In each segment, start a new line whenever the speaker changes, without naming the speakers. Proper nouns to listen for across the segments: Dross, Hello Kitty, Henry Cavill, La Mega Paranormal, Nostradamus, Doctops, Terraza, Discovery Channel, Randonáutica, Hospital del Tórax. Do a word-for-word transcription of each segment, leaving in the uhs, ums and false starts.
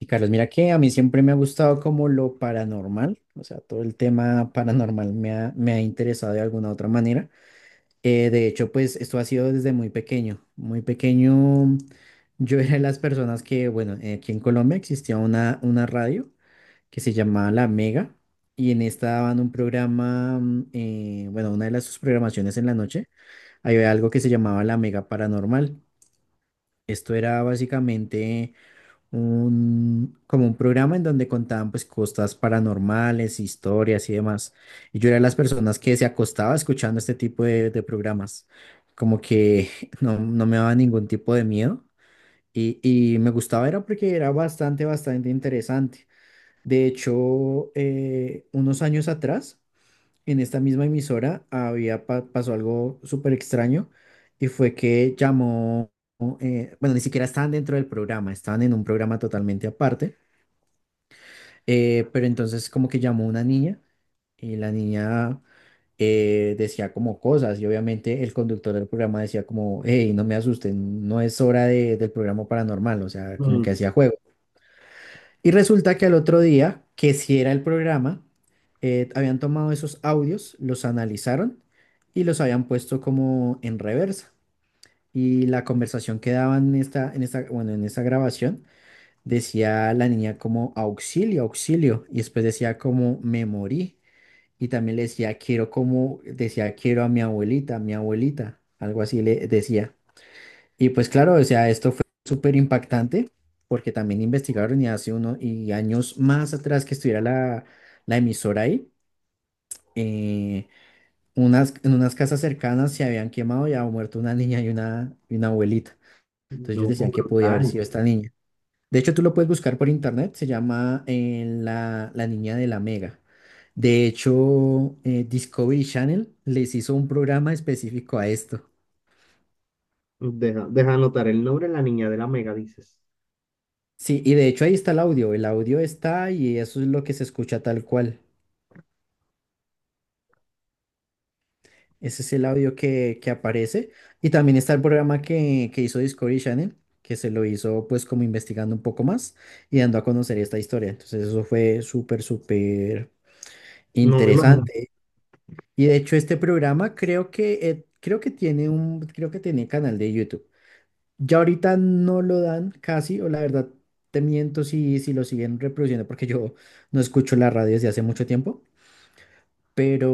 Y Carlos, mira que a mí siempre me ha gustado como lo paranormal, o sea, todo el tema paranormal me ha, me ha interesado de alguna otra manera. Eh, de hecho, pues esto ha sido desde muy pequeño. Muy pequeño, yo era de las personas que, bueno, eh, aquí en Colombia existía una, una radio que se llamaba La Mega y en esta daban un programa, mm, eh, bueno, una de las sus programaciones en la noche, había algo que se llamaba La Mega Paranormal. Esto era básicamente un, como un programa en donde contaban pues cosas paranormales, historias y demás. Y yo era de las personas que se acostaba escuchando este tipo de, de programas, como que no, no me daba ningún tipo de miedo y, y me gustaba era porque era bastante, bastante interesante. De hecho, eh, unos años atrás, en esta misma emisora había pa- pasó algo súper extraño y fue que llamó, eh, bueno, ni siquiera estaban dentro del programa, estaban en un programa totalmente aparte, eh, pero entonces como que llamó una niña y la niña eh, decía como cosas y obviamente el conductor del programa decía como, hey, no me asusten, no es hora de- del programa paranormal, o sea, como que
Mm.
hacía juego. Y resulta que al otro día, que si era el programa, eh, habían tomado esos audios, los analizaron y los habían puesto como en reversa. Y la conversación que daban en esta, en esta, bueno, en esa grabación decía la niña como auxilio, auxilio. Y después decía como me morí. Y también le decía quiero como, decía quiero a mi abuelita, mi abuelita. Algo así le decía. Y pues claro, o sea, esto fue súper impactante porque también investigaron y hace uno y años más atrás que estuviera la, la emisora ahí, eh, unas, en unas casas cercanas se habían quemado y había muerto una niña y una, y una abuelita. Entonces ellos
No,
decían que podía haber
brutal.
sido esta niña. De hecho, tú lo puedes buscar por internet, se llama eh, la, la niña de la Mega. De hecho, eh, Discovery Channel les hizo un programa específico a esto.
Deja, deja anotar el nombre de la niña de la mega, dices.
Sí, y de hecho ahí está el audio, el audio está y eso es lo que se escucha tal cual. Ese es el audio que, que aparece. Y también está el programa que, que hizo Discovery Channel, que se lo hizo pues como investigando un poco más y dando a conocer esta historia. Entonces eso fue súper, súper
No me imagino.
interesante. Y de hecho este programa creo que, eh, creo que tiene un, creo que tiene canal de YouTube. Ya ahorita no lo dan casi, o la verdad te miento si, si lo siguen reproduciendo porque yo no escucho la radio desde hace mucho tiempo pero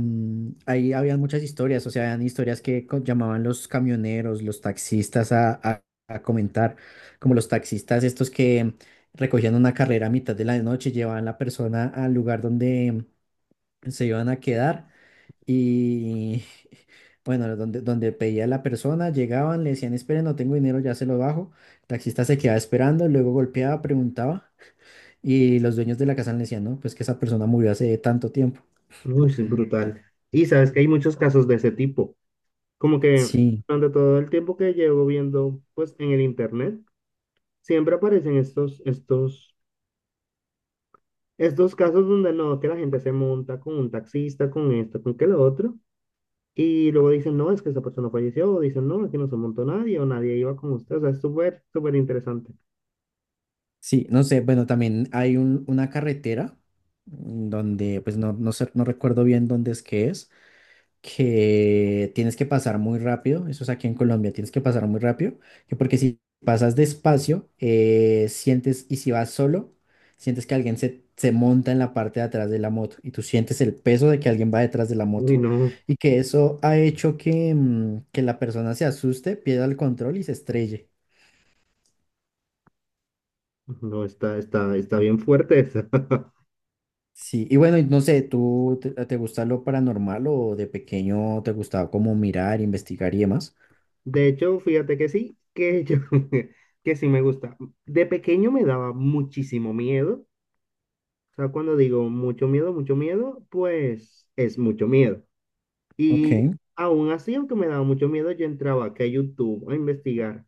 mm, ahí habían muchas historias, o sea, habían historias que co- llamaban los camioneros, los taxistas a, a- a comentar, como los taxistas estos que recogían una carrera a mitad de la noche, llevaban la persona al lugar donde se iban a quedar y, bueno, donde, donde pedía la persona, llegaban, le decían, esperen, no tengo dinero, ya se lo bajo, el taxista se quedaba esperando, luego golpeaba, preguntaba. Y los dueños de la casa le decían, no, pues que esa persona murió hace tanto tiempo.
Uy, sí, brutal. Y sabes que hay muchos casos de ese tipo. Como que
Sí.
durante todo el tiempo que llevo viendo, pues en el internet, siempre aparecen estos, estos, estos casos donde no, que la gente se monta con un taxista, con esto, con que lo otro. Y luego dicen, no, es que esa persona falleció. O dicen, no, aquí no se montó nadie o nadie iba con usted. O sea, es súper, súper interesante.
Sí, no sé, bueno, también hay un- una carretera mm, donde, pues no, no sé, no recuerdo bien dónde es que es, que tienes que pasar muy rápido, eso es aquí en Colombia, tienes que pasar muy rápido, que porque si pasas despacio, eh, sientes, y si vas solo, sientes que alguien se, se monta en la parte de atrás de la moto y tú sientes el peso de que alguien va detrás de la moto
Uy, no.
y que eso ha hecho que, mm, que la persona se asuste, pierda el control y se estrelle.
No, está, está, está bien fuerte esa.
Sí, y bueno, y no sé, ¿tú te, te gusta lo paranormal o de pequeño te gustaba como mirar, investigar y demás?
De hecho, fíjate que sí, que yo, que sí me gusta. De pequeño me daba muchísimo miedo. O sea, cuando digo mucho miedo, mucho miedo, pues es mucho miedo. Y
Ok,
aún así, aunque me daba mucho miedo, yo entraba aquí a YouTube a investigar.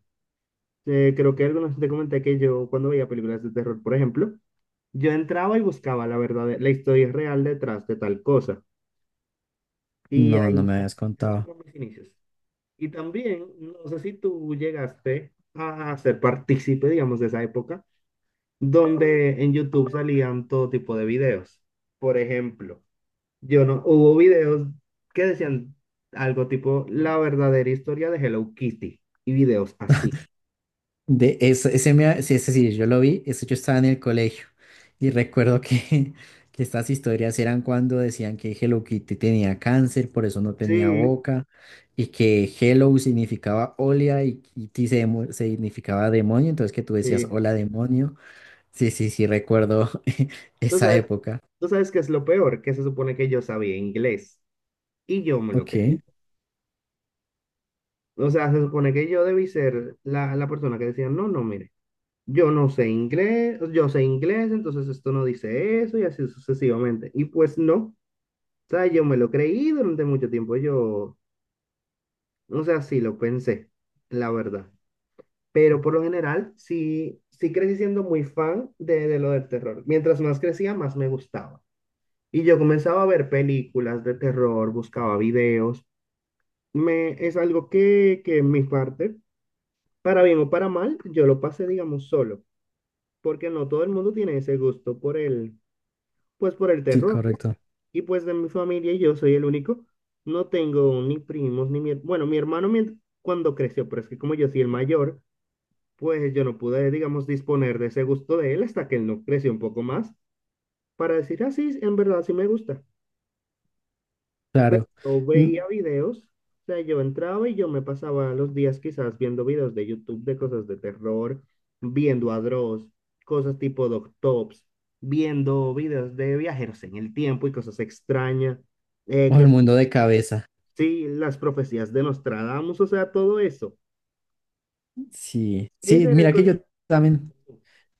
Eh, creo que algunos te comenté que yo, cuando veía películas de terror, por ejemplo, yo entraba y buscaba la verdad, la historia real detrás de tal cosa. Y
no, no
ahí,
me habías
esos
contado.
fueron mis inicios. Y también, no sé si tú llegaste a ser partícipe, digamos, de esa época, donde en YouTube salían todo tipo de videos. Por ejemplo, yo no, hubo videos que decían algo tipo la verdadera historia de Hello Kitty y videos así.
De eso, ese me, ha- sí, ese sí, yo lo vi, eso yo estaba en el colegio y recuerdo que, que estas historias eran cuando decían que Hello Kitty tenía cáncer, por eso no tenía
Sí,
boca, y que Hello significaba hola y Kitty se demo- significaba demonio, entonces que tú decías
sí.
hola demonio. Sí, sí, sí, recuerdo
Tú
esa
sabes,
época.
tú sabes qué es lo peor, que se supone que yo sabía inglés y yo me lo creí.
Ok.
O sea, se supone que yo debí ser la, la persona que decía, no, no, mire. Yo no sé inglés, yo sé inglés, entonces esto no dice eso y así sucesivamente. Y pues no, o sea, yo me lo creí durante mucho tiempo, yo, o sea, sí lo pensé, la verdad. Pero por lo general, sí, sí crecí siendo muy fan de, de lo del terror. Mientras más crecía, más me gustaba. Y yo comenzaba a ver películas de terror, buscaba videos. Me, es algo que, que en mi parte, para bien o para mal, yo lo pasé, digamos, solo, porque no todo el mundo tiene ese gusto por el, pues por el
Sí,
terror, ¿no?
correcto.
Y pues de mi familia yo soy el único. No tengo ni primos, ni mi... her- Bueno, mi hermano mient- cuando creció, pero es que como yo soy el mayor, pues yo no pude, digamos, disponer de ese gusto de él hasta que él no creció un poco más para decir, ah, sí, en verdad sí me gusta. Pero
Claro.
yo
Mm,
veía videos, o sea, yo entraba y yo me pasaba los días quizás viendo videos de YouTube de cosas de terror, viendo a Dross, cosas tipo Doctops, viendo videos de viajeros en el tiempo y cosas extrañas, eh,
O el
que
mundo de cabeza.
sí, las profecías de Nostradamus, o sea, todo eso.
Sí. Sí,
Ese era el
mira que yo
contenido.
también,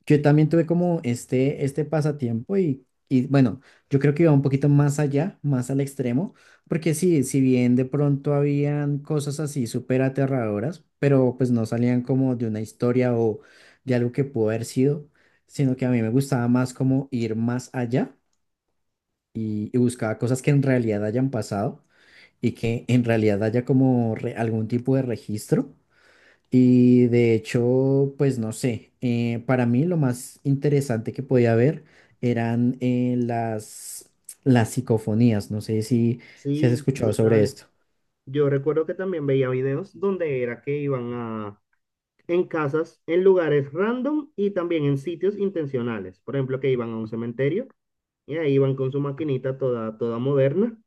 yo también tuve como este, este pasatiempo y, y bueno, yo creo que iba un poquito más allá, más al extremo, porque sí, si bien de pronto habían cosas así súper aterradoras, pero pues no salían como de una historia o de algo que pudo haber sido, sino que a mí me gustaba más como ir más allá y, y buscaba cosas que en realidad hayan pasado y que en realidad haya como re- algún tipo de registro. Y de hecho, pues no sé, eh, para mí lo más interesante que podía ver eran eh, las, las psicofonías. No sé si, si has
Sí,
escuchado sobre
brutal.
esto.
Yo recuerdo que también veía videos donde era que iban a en casas, en lugares random y también en sitios intencionales. Por ejemplo, que iban a un cementerio y ahí iban con su maquinita toda, toda moderna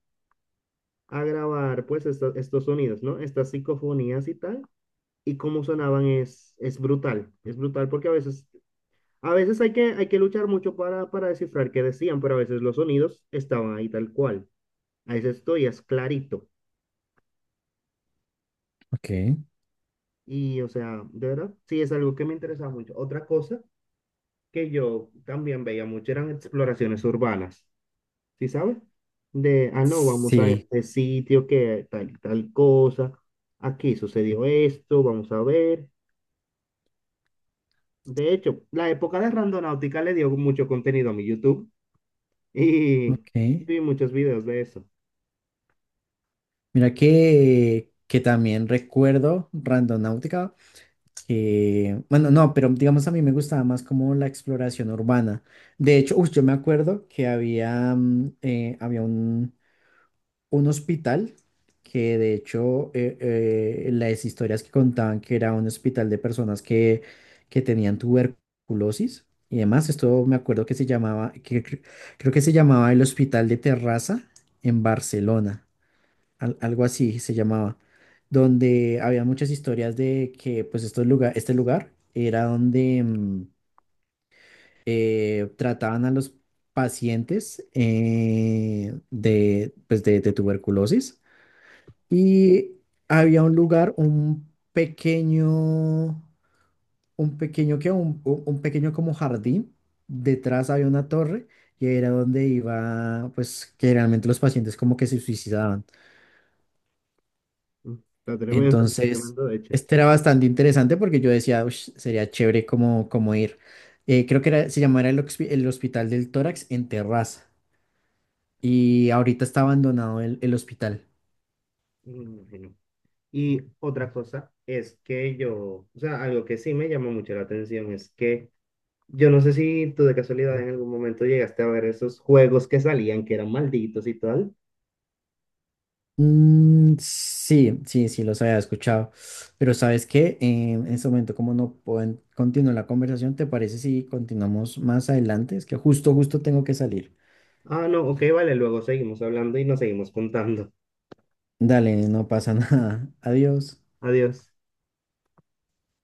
a grabar pues esto- estos sonidos, ¿no? Estas psicofonías y tal. Y cómo sonaban es, es brutal, es brutal porque a veces, a veces hay que, hay que luchar mucho para, para descifrar qué decían, pero a veces los sonidos estaban ahí tal cual. A veces esto ya es clarito.
Ok,
Y o sea, de verdad, sí es algo que me interesa mucho. Otra cosa que yo también veía mucho eran exploraciones urbanas, ¿sí sabes? De, ah, no, vamos a
sí,
este sitio que tal, tal cosa, aquí sucedió esto, vamos a ver. De hecho, la época de Randonáutica le dio mucho contenido a mi YouTube y
ok.
vi muchos videos de eso.
Mira que, que también recuerdo Randonáutica que, bueno, no, pero digamos a mí me gustaba más como la exploración urbana. De hecho, uy, yo me acuerdo que había, mm, eh, había un, un hospital que de hecho eh, eh, las historias que contaban que era un hospital de personas que, que tenían tuberculosis y demás, esto me acuerdo que se llamaba, que, cre- creo que se llamaba el Hospital de Terraza en Barcelona al- algo así se llamaba, donde había muchas historias de que pues estos lugar, este lugar era donde mm, eh, trataban a los pacientes eh, de, pues de, de tuberculosis y había un lugar, un pequeño, un pequeño que un, un un pequeño como jardín, detrás había una torre y era donde iba pues que realmente los pacientes como que se suicidaban.
Está tremendo,
Entonces,
tremendo, de hecho.
este era bastante interesante porque yo decía, "Ush, sería chévere como, como ir. Eh, creo que era- se llamaba el, hospi- el Hospital del Tórax en Terraza y ahorita está abandonado el, el hospital.
Me imagino. Y otra cosa es que yo, o sea, algo que sí me llamó mucho la atención es que yo no sé si tú de casualidad en algún momento llegaste a ver esos juegos que salían, que eran malditos y tal.
Mm, sí, sí, sí, los había escuchado. Pero ¿sabes qué? Eh, en este momento, como no pueden continuar la conversación, ¿te parece si continuamos más adelante? Es que justo, justo tengo que salir.
Ah, no, ok, vale, luego seguimos hablando y nos seguimos contando.
Dale, no pasa nada. Adiós.
Adiós.